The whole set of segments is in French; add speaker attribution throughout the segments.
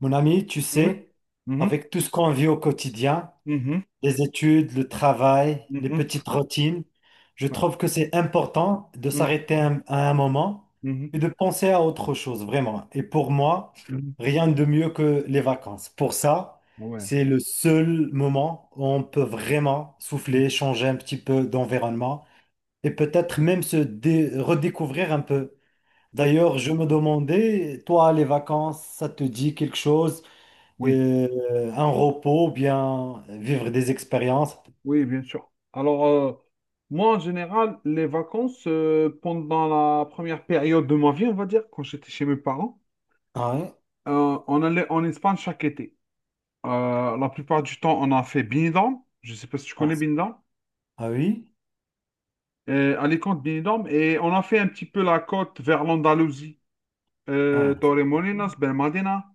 Speaker 1: Mon ami, tu
Speaker 2: Ouais.
Speaker 1: sais,
Speaker 2: Mhm.
Speaker 1: avec tout ce qu'on vit au quotidien,
Speaker 2: Mhm.
Speaker 1: les études, le travail, les
Speaker 2: Mhm.
Speaker 1: petites routines, je
Speaker 2: Ouais.
Speaker 1: trouve que c'est important de
Speaker 2: Mhm.
Speaker 1: s'arrêter à un moment
Speaker 2: Mhm.
Speaker 1: et de penser à autre chose, vraiment. Et pour moi, rien de mieux que les vacances. Pour ça,
Speaker 2: Ouais.
Speaker 1: c'est le seul moment où on peut vraiment souffler, changer un petit peu d'environnement et peut-être même redécouvrir un peu.
Speaker 2: Oui,
Speaker 1: D'ailleurs, je me demandais, toi, les vacances, ça te dit quelque chose?
Speaker 2: oui,
Speaker 1: Un repos, ou bien vivre des expériences.
Speaker 2: oui, bien sûr. Alors, moi, en général, les vacances, pendant la première période de ma vie, on va dire, quand j'étais chez mes parents,
Speaker 1: Ah, ouais.
Speaker 2: on allait en Espagne chaque été. La plupart du temps, on a fait Benidorm. Je ne sais pas si tu
Speaker 1: Ah,
Speaker 2: connais Benidorm.
Speaker 1: ah oui?
Speaker 2: Alicante, Benidorm. Et on a fait un petit peu la côte vers l'Andalousie.
Speaker 1: Ah,
Speaker 2: Torremolinos, Benalmádena,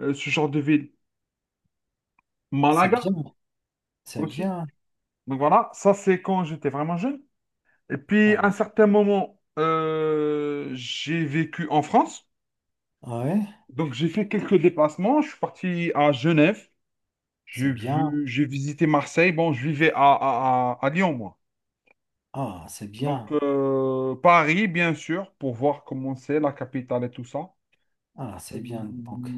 Speaker 2: ce genre de ville.
Speaker 1: c'est
Speaker 2: Malaga
Speaker 1: bien, c'est
Speaker 2: aussi.
Speaker 1: bien.
Speaker 2: Donc voilà, ça c'est quand j'étais vraiment jeune. Et puis
Speaker 1: Ah,
Speaker 2: à un certain moment, j'ai vécu en France.
Speaker 1: ah ouais,
Speaker 2: Donc j'ai fait quelques déplacements. Je suis parti à Genève.
Speaker 1: c'est bien.
Speaker 2: J'ai visité Marseille. Bon, je vivais à Lyon, moi.
Speaker 1: Ah, c'est
Speaker 2: Donc
Speaker 1: bien.
Speaker 2: Paris, bien sûr, pour voir comment c'est, la capitale et tout ça.
Speaker 1: Ah,
Speaker 2: Euh,
Speaker 1: c'est bien. Donc,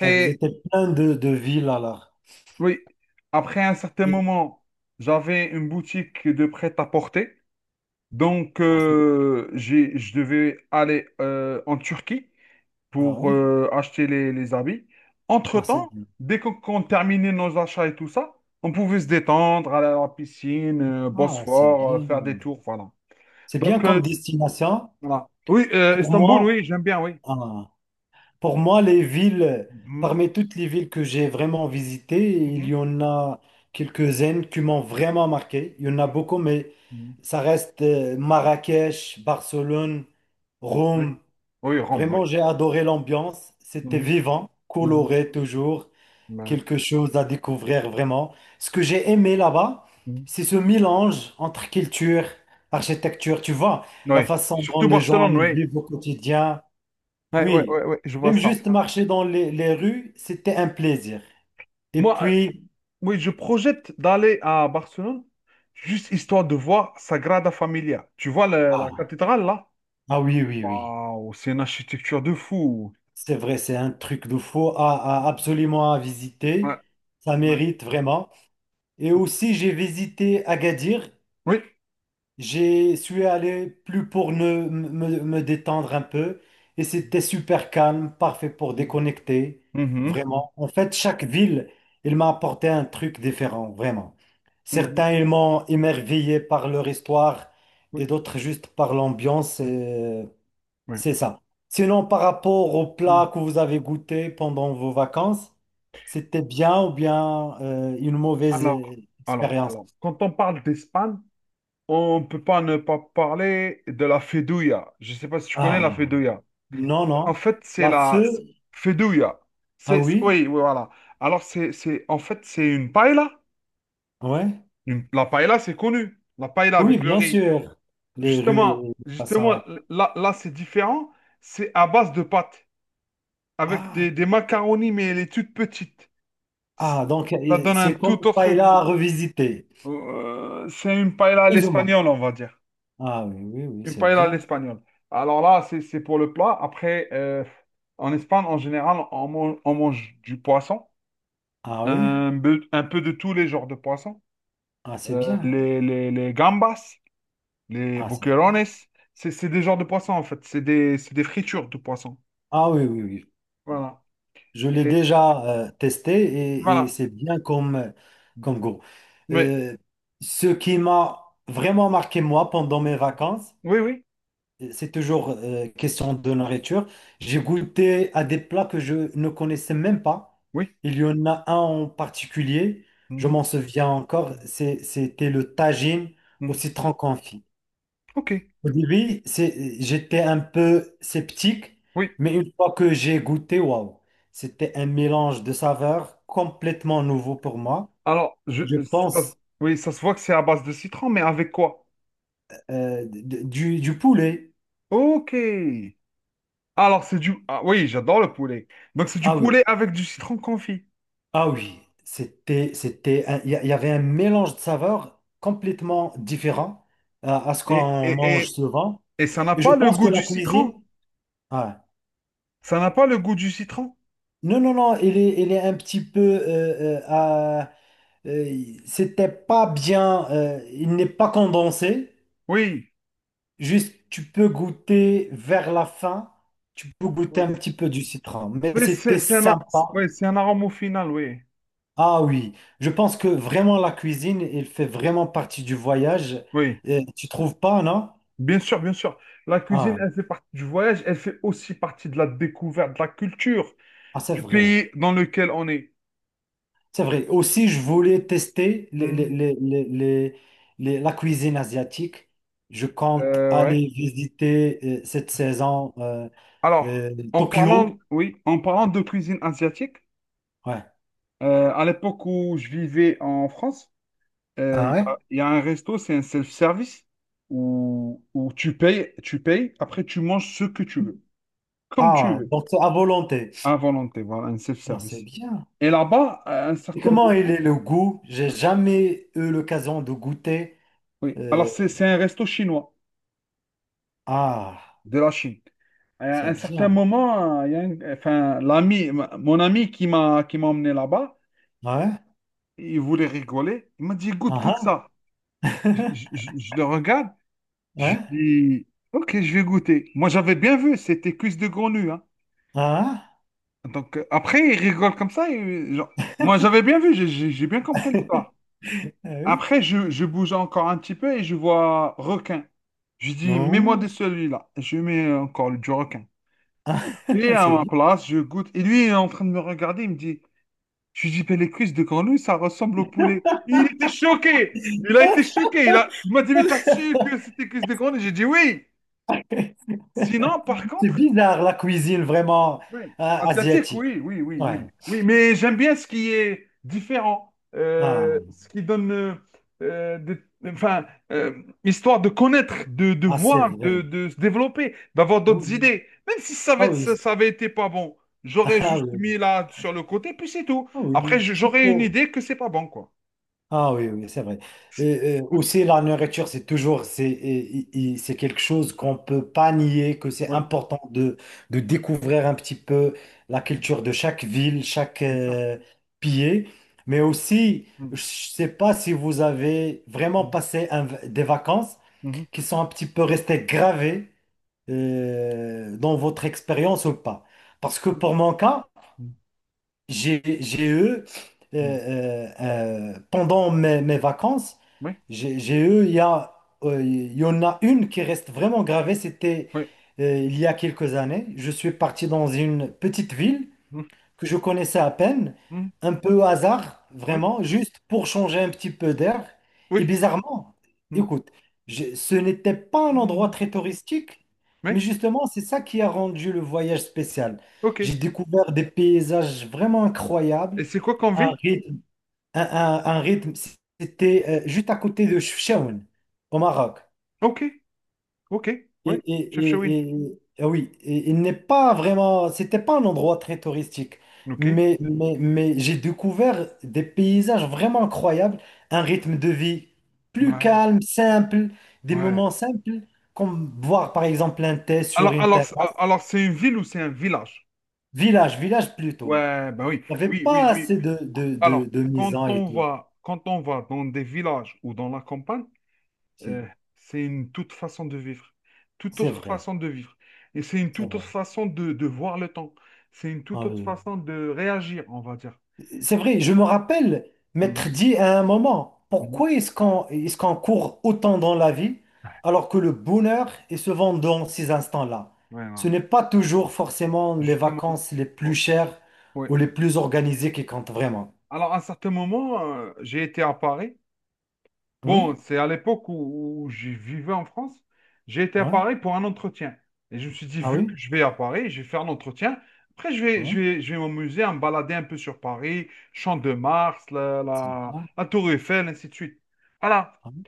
Speaker 1: tu as visité plein de villes alors.
Speaker 2: oui, après un certain
Speaker 1: Et-
Speaker 2: moment, j'avais une boutique de prêt-à-porter. Donc,
Speaker 1: ah,
Speaker 2: je devais aller en Turquie
Speaker 1: ah
Speaker 2: pour
Speaker 1: ouais?
Speaker 2: acheter les habits.
Speaker 1: Ah, c'est
Speaker 2: Entre-temps,
Speaker 1: bien.
Speaker 2: dès qu'on terminait nos achats et tout ça, on pouvait se détendre, aller à la piscine,
Speaker 1: Ah, c'est
Speaker 2: Bosphore,
Speaker 1: bien.
Speaker 2: faire des tours, voilà.
Speaker 1: C'est bien
Speaker 2: Donc,
Speaker 1: comme destination.
Speaker 2: voilà. Oui,
Speaker 1: Pour
Speaker 2: Istanbul,
Speaker 1: moi,
Speaker 2: oui, j'aime bien, oui.
Speaker 1: ah, pour moi, les villes,
Speaker 2: Mhm,
Speaker 1: parmi toutes les villes que j'ai vraiment visitées, il y
Speaker 2: mhm,
Speaker 1: en a quelques-unes qui m'ont vraiment marqué. Il y en a
Speaker 2: mhm,
Speaker 1: beaucoup, mais
Speaker 2: mhm.
Speaker 1: ça reste Marrakech, Barcelone,
Speaker 2: Oui,
Speaker 1: Rome.
Speaker 2: oui, Rome, oui.
Speaker 1: Vraiment, j'ai adoré l'ambiance. C'était
Speaker 2: Mhm,
Speaker 1: vivant,
Speaker 2: mhm,
Speaker 1: coloré toujours,
Speaker 2: ouais,
Speaker 1: quelque chose à découvrir vraiment. Ce que j'ai aimé là-bas,
Speaker 2: mhm.
Speaker 1: c'est ce mélange entre culture, architecture, tu vois,
Speaker 2: Oui,
Speaker 1: la façon dont
Speaker 2: surtout
Speaker 1: les gens
Speaker 2: Barcelone,
Speaker 1: ils
Speaker 2: oui.
Speaker 1: vivent au quotidien.
Speaker 2: Ouais, ouais,
Speaker 1: Oui,
Speaker 2: ouais, ouais, je vois
Speaker 1: même
Speaker 2: ça.
Speaker 1: juste marcher dans les rues, c'était un plaisir. Et
Speaker 2: Moi,
Speaker 1: puis,
Speaker 2: Oui, je projette d'aller à Barcelone, juste histoire de voir Sagrada Familia. Tu vois la
Speaker 1: ah,
Speaker 2: cathédrale là?
Speaker 1: ah oui, oui, oui,
Speaker 2: Waouh, c'est une architecture de fou.
Speaker 1: c'est vrai, c'est un truc de fou à, absolument à
Speaker 2: Ouais,
Speaker 1: visiter. Ça
Speaker 2: ouais.
Speaker 1: mérite vraiment. Et aussi, j'ai visité Agadir.
Speaker 2: Oui.
Speaker 1: J'ai suis allé plus pour me détendre un peu et c'était super calme, parfait pour déconnecter,
Speaker 2: Mhm,
Speaker 1: vraiment. En fait, chaque ville, elle m'a apporté un truc différent, vraiment.
Speaker 2: mhm.
Speaker 1: Certains, ils m'ont émerveillé par leur histoire et
Speaker 2: Oui,
Speaker 1: d'autres juste par l'ambiance,
Speaker 2: oui.
Speaker 1: c'est ça. Sinon, par rapport aux
Speaker 2: Mhm.
Speaker 1: plats que vous avez goûtés pendant vos vacances, c'était bien ou bien une mauvaise
Speaker 2: Alors, alors,
Speaker 1: expérience?
Speaker 2: alors, quand on parle d'Espagne, on ne peut pas ne pas parler de la Fedouilla. Je ne sais pas si tu connais la
Speaker 1: Ah,
Speaker 2: Fedouilla.
Speaker 1: non,
Speaker 2: En
Speaker 1: non.
Speaker 2: fait, c'est
Speaker 1: La
Speaker 2: la
Speaker 1: feu,
Speaker 2: Fedouilla.
Speaker 1: ah
Speaker 2: C'est,
Speaker 1: oui,
Speaker 2: oui, oui, voilà. Alors, c'est une paella.
Speaker 1: ouais.
Speaker 2: La paella, c'est connu. La paella
Speaker 1: Oui,
Speaker 2: avec le
Speaker 1: bien
Speaker 2: riz.
Speaker 1: sûr. Les rues
Speaker 2: Justement,
Speaker 1: de Hassan,
Speaker 2: justement,
Speaker 1: ouais.
Speaker 2: là, c'est différent. C'est à base de pâtes, avec
Speaker 1: Ah,
Speaker 2: des macaronis, mais elle est toute petite.
Speaker 1: ah, donc
Speaker 2: Ça donne un
Speaker 1: c'est comme
Speaker 2: tout autre
Speaker 1: Paella
Speaker 2: goût.
Speaker 1: revisité,
Speaker 2: C'est une paella à
Speaker 1: plus ou moins.
Speaker 2: l'espagnol, on va dire.
Speaker 1: Ah oui, oui, oui,
Speaker 2: Une
Speaker 1: c'est
Speaker 2: paella à
Speaker 1: bien.
Speaker 2: l'espagnol. Alors là, c'est pour le plat. Après, en Espagne, en général, on mange du poisson,
Speaker 1: Ah oui,
Speaker 2: un peu de tous les genres de poissons.
Speaker 1: ah, c'est bien.
Speaker 2: Les gambas. Les
Speaker 1: Ah, c'est bien.
Speaker 2: boquerones, c'est des genres de poissons en fait. C'est des fritures de poissons.
Speaker 1: Ah oui, oui, oui.
Speaker 2: Voilà.
Speaker 1: Je l'ai
Speaker 2: Et
Speaker 1: déjà testé et
Speaker 2: voilà.
Speaker 1: c'est bien comme, comme goût.
Speaker 2: Mais
Speaker 1: Euh, Ce qui m'a vraiment marqué, moi, pendant mes vacances,
Speaker 2: oui, oui,
Speaker 1: c'est toujours question de nourriture. J'ai goûté à des plats que je ne connaissais même pas.
Speaker 2: oui.
Speaker 1: Il y en a un en particulier, je
Speaker 2: Mhm.
Speaker 1: m'en souviens encore, c'était le tagine au
Speaker 2: Mhm.
Speaker 1: citron confit.
Speaker 2: Ok.
Speaker 1: Au début, j'étais un peu sceptique,
Speaker 2: Oui.
Speaker 1: mais une fois que j'ai goûté, waouh, c'était un mélange de saveurs complètement nouveau pour moi.
Speaker 2: Alors, je,
Speaker 1: Je
Speaker 2: ça, se-
Speaker 1: pense
Speaker 2: oui, ça se voit que c'est à base de citron, mais avec quoi?
Speaker 1: du poulet.
Speaker 2: Ok. Alors, c'est du. Ah oui, j'adore le poulet. Donc, c'est du
Speaker 1: Ah oui,
Speaker 2: poulet avec du citron confit.
Speaker 1: ah oui, c'était, c'était, il y avait un mélange de saveurs complètement différent à ce
Speaker 2: Et,
Speaker 1: qu'on
Speaker 2: et,
Speaker 1: mange
Speaker 2: et,
Speaker 1: souvent.
Speaker 2: et ça n'a
Speaker 1: Et je
Speaker 2: pas le
Speaker 1: pense que
Speaker 2: goût du
Speaker 1: la cuisine,
Speaker 2: citron.
Speaker 1: ouais.
Speaker 2: Ça n'a pas le goût du citron.
Speaker 1: Non, non, non, il est un petit peu, c'était pas bien, il n'est pas condensé.
Speaker 2: Oui.
Speaker 1: Juste, tu peux goûter vers la fin, tu peux goûter
Speaker 2: Oui.
Speaker 1: un petit peu du citron, mais
Speaker 2: Oui,
Speaker 1: c'était
Speaker 2: c'est un, a-
Speaker 1: sympa.
Speaker 2: c'est- oui, c'est un arôme au final, oui.
Speaker 1: Ah oui, je pense que vraiment la cuisine, elle fait vraiment partie du voyage.
Speaker 2: Oui.
Speaker 1: Tu trouves pas, non?
Speaker 2: Bien sûr, bien sûr. La cuisine,
Speaker 1: Ah,
Speaker 2: elle fait partie du voyage, elle fait aussi partie de la découverte, de la culture
Speaker 1: ah, c'est
Speaker 2: du
Speaker 1: vrai.
Speaker 2: pays dans lequel on est.
Speaker 1: C'est vrai. Aussi, je voulais tester
Speaker 2: Hmm.
Speaker 1: la cuisine asiatique. Je compte
Speaker 2: Ouais.
Speaker 1: aller visiter cette saison
Speaker 2: Alors,
Speaker 1: euh, Tokyo.
Speaker 2: en parlant de cuisine asiatique,
Speaker 1: Ouais.
Speaker 2: à l'époque où je vivais en France,
Speaker 1: Ah ouais?
Speaker 2: il y a un resto, c'est un self-service où tu payes, après tu manges ce que tu veux, comme tu
Speaker 1: Ah,
Speaker 2: veux,
Speaker 1: donc c'est à volonté.
Speaker 2: à volonté, voilà, un
Speaker 1: Ah, c'est
Speaker 2: self-service.
Speaker 1: bien.
Speaker 2: Et là-bas, à un
Speaker 1: Et
Speaker 2: certain
Speaker 1: comment il
Speaker 2: moment,
Speaker 1: est le goût? J'ai jamais eu l'occasion de goûter.
Speaker 2: oui, alors
Speaker 1: Euh,
Speaker 2: c'est un resto chinois
Speaker 1: ah,
Speaker 2: de la Chine. À
Speaker 1: c'est
Speaker 2: un certain
Speaker 1: bien.
Speaker 2: moment, il y a un- enfin, l'ami, mon ami qui m'a emmené là-bas,
Speaker 1: Ouais.
Speaker 2: il voulait rigoler. Il m'a dit, goûte, goûte
Speaker 1: Ah
Speaker 2: ça.
Speaker 1: ah.
Speaker 2: Je le regarde, je
Speaker 1: Ouais.
Speaker 2: dis, ok, je vais goûter. Moi, j'avais bien vu, c'était cuisse de grenouille, hein.
Speaker 1: Ah ah.
Speaker 2: Donc, après, il rigole comme ça, et, genre, moi, j'avais bien vu, j'ai bien compris l'histoire.
Speaker 1: Ah oui.
Speaker 2: Après, je bouge encore un petit peu et je vois requin. Je dis, mets-moi de
Speaker 1: Non.
Speaker 2: celui-là. Je lui mets encore du requin.
Speaker 1: Ah,
Speaker 2: Lui, à
Speaker 1: c'est
Speaker 2: ma
Speaker 1: bien.
Speaker 2: place, je goûte. Et lui, il est en train de me regarder, il me dit, je lui dis, ben, les cuisses de grenouille, ça ressemble au poulet. Il était choqué. Il a été choqué. Il a... il m'a dit, mais t'as su que c'était cuisses de grenouille? J'ai dit oui. Sinon, par
Speaker 1: C'est
Speaker 2: contre,
Speaker 1: bizarre la cuisine vraiment
Speaker 2: oui. Asiatique,
Speaker 1: asiatique.
Speaker 2: oui, oui, oui,
Speaker 1: Ouais.
Speaker 2: oui. Oui, mais j'aime bien ce qui est différent,
Speaker 1: Ah,
Speaker 2: ce qui donne, des- enfin, histoire de connaître, de
Speaker 1: ah, c'est
Speaker 2: voir,
Speaker 1: vrai.
Speaker 2: de se développer, d'avoir
Speaker 1: Ah
Speaker 2: d'autres
Speaker 1: oui.
Speaker 2: idées. Même si
Speaker 1: Ah oui.
Speaker 2: ça avait été pas bon, j'aurais
Speaker 1: Ah
Speaker 2: juste mis
Speaker 1: oui.
Speaker 2: là sur le côté, puis c'est tout.
Speaker 1: Ah
Speaker 2: Après,
Speaker 1: oui.
Speaker 2: j'aurais une idée que c'est pas bon, quoi.
Speaker 1: Ah oui, oui, c'est vrai. Et,
Speaker 2: Oui,
Speaker 1: aussi, la nourriture, c'est toujours, c'est, c'est quelque chose qu'on peut pas nier, que c'est
Speaker 2: oui.
Speaker 1: important de découvrir un petit peu la
Speaker 2: Mm,
Speaker 1: culture de chaque ville, chaque
Speaker 2: bien sûr.
Speaker 1: pays. Mais aussi,
Speaker 2: Mm,
Speaker 1: je sais pas si vous avez vraiment
Speaker 2: mm,
Speaker 1: passé des vacances
Speaker 2: mhm,
Speaker 1: qui sont un petit peu restées gravées dans votre expérience ou pas. Parce que pour mon cas,
Speaker 2: mm,
Speaker 1: j'ai eu,
Speaker 2: mm.
Speaker 1: pendant mes vacances,
Speaker 2: Oui,
Speaker 1: j'ai eu, il y en a une qui reste vraiment gravée, c'était
Speaker 2: oui,
Speaker 1: il y a quelques années. Je suis parti dans une petite ville
Speaker 2: mm,
Speaker 1: que je connaissais à peine,
Speaker 2: mm,
Speaker 1: un peu au hasard,
Speaker 2: oui,
Speaker 1: vraiment, juste pour changer un petit peu d'air. Et
Speaker 2: oui,
Speaker 1: bizarrement,
Speaker 2: mm,
Speaker 1: écoute, ce n'était pas un
Speaker 2: mm,
Speaker 1: endroit
Speaker 2: mm,
Speaker 1: très touristique,
Speaker 2: oui,
Speaker 1: mais justement, c'est ça qui a rendu le voyage spécial.
Speaker 2: ok.
Speaker 1: J'ai découvert des paysages vraiment incroyables,
Speaker 2: Et c'est quoi comme
Speaker 1: un
Speaker 2: ville?
Speaker 1: rythme, un, un rythme, c'était juste à côté de Chefchaouen, au Maroc.
Speaker 2: Ok, ok,
Speaker 1: Et,
Speaker 2: ouais, chef Chawin.
Speaker 1: ah oui, et il n'est pas vraiment, c'était pas un endroit très touristique,
Speaker 2: Ok,
Speaker 1: mais mais j'ai découvert des paysages vraiment incroyables, un rythme de vie plus
Speaker 2: ouais,
Speaker 1: calme, simple, des
Speaker 2: ouais.
Speaker 1: moments simples, comme boire par exemple un thé sur
Speaker 2: Alors,
Speaker 1: une terrasse,
Speaker 2: c'est une ville ou c'est un village?
Speaker 1: village, village plutôt.
Speaker 2: Ouais, ben oui,
Speaker 1: Il n'y avait
Speaker 2: oui, oui,
Speaker 1: pas
Speaker 2: oui.
Speaker 1: assez
Speaker 2: Alors,
Speaker 1: de mise en et tout.
Speaker 2: quand on va dans des villages ou dans la campagne, euh,
Speaker 1: Si,
Speaker 2: c'est une toute
Speaker 1: c'est
Speaker 2: autre
Speaker 1: vrai,
Speaker 2: façon de vivre. Et c'est une
Speaker 1: c'est
Speaker 2: toute
Speaker 1: vrai.
Speaker 2: autre façon de voir le temps. C'est une toute
Speaker 1: Ah
Speaker 2: autre
Speaker 1: oui.
Speaker 2: façon de réagir, on va dire.
Speaker 1: C'est vrai, je me rappelle m'être
Speaker 2: Mhm,
Speaker 1: dit à un moment,
Speaker 2: mhm.
Speaker 1: pourquoi est-ce qu'on court autant dans la vie
Speaker 2: Ouais,
Speaker 1: alors que le bonheur est souvent dans ces instants-là? Ce
Speaker 2: voilà.
Speaker 1: n'est pas toujours forcément les
Speaker 2: Justement.
Speaker 1: vacances les plus chères
Speaker 2: Oui,
Speaker 1: ou les plus organisées qui comptent vraiment.
Speaker 2: alors, à un certain moment, j'ai été à Paris.
Speaker 1: Oui,
Speaker 2: Bon, c'est à l'époque où je vivais en France. J'ai été à
Speaker 1: ouais.
Speaker 2: Paris pour un entretien. Et je me suis dit,
Speaker 1: Ah
Speaker 2: vu que
Speaker 1: oui,
Speaker 2: je vais à Paris, je vais faire un entretien. Après,
Speaker 1: ouais,
Speaker 2: je vais m'amuser à me balader un peu sur Paris, Champ de Mars,
Speaker 1: c'est bien.
Speaker 2: la Tour Eiffel, ainsi de suite. Voilà.
Speaker 1: Ah oui.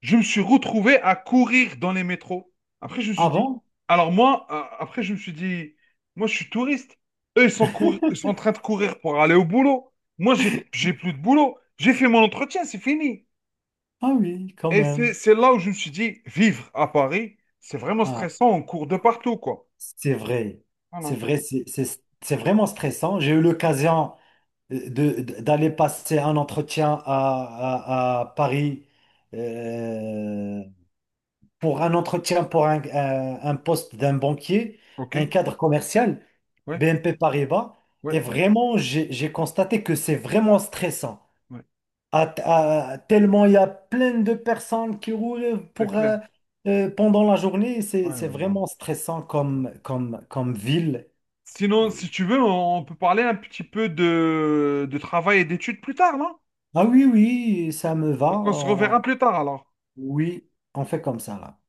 Speaker 2: Je me suis retrouvé à courir dans les métros. Après, je me suis
Speaker 1: Ah
Speaker 2: dit,
Speaker 1: bon?
Speaker 2: alors moi, après, je me suis dit, moi, je suis touriste. Eux, ils sont en train de courir pour aller au boulot. Moi, j'ai plus de boulot. J'ai fait mon entretien, c'est fini.
Speaker 1: Ah oui, quand
Speaker 2: Et
Speaker 1: même.
Speaker 2: c'est là où je me suis dit, vivre à Paris, c'est vraiment
Speaker 1: Ah,
Speaker 2: stressant. On court de partout, quoi.
Speaker 1: c'est vrai. C'est
Speaker 2: Voilà.
Speaker 1: vrai, c'est vraiment stressant. J'ai eu l'occasion d'aller passer un entretien à, à Paris euh, pour un entretien pour un poste d'un banquier, un
Speaker 2: OK.
Speaker 1: cadre commercial,
Speaker 2: Ouais,
Speaker 1: BNP Paribas. Et
Speaker 2: ouais,
Speaker 1: vraiment, j'ai constaté que c'est vraiment stressant.
Speaker 2: ouais.
Speaker 1: À- Tellement il y a plein de personnes qui roulent
Speaker 2: C'est
Speaker 1: pour,
Speaker 2: clair.
Speaker 1: pendant la journée.
Speaker 2: Ouais,
Speaker 1: C'est
Speaker 2: ouais.
Speaker 1: vraiment stressant comme, comme, comme ville.
Speaker 2: Sinon,
Speaker 1: Euh,
Speaker 2: si tu veux, on peut parler un petit peu de travail et d'études plus tard, non?
Speaker 1: Ah oui, oui, ça me va.
Speaker 2: Donc, on se reverra plus tard, alors.
Speaker 1: Oui, on fait comme ça là.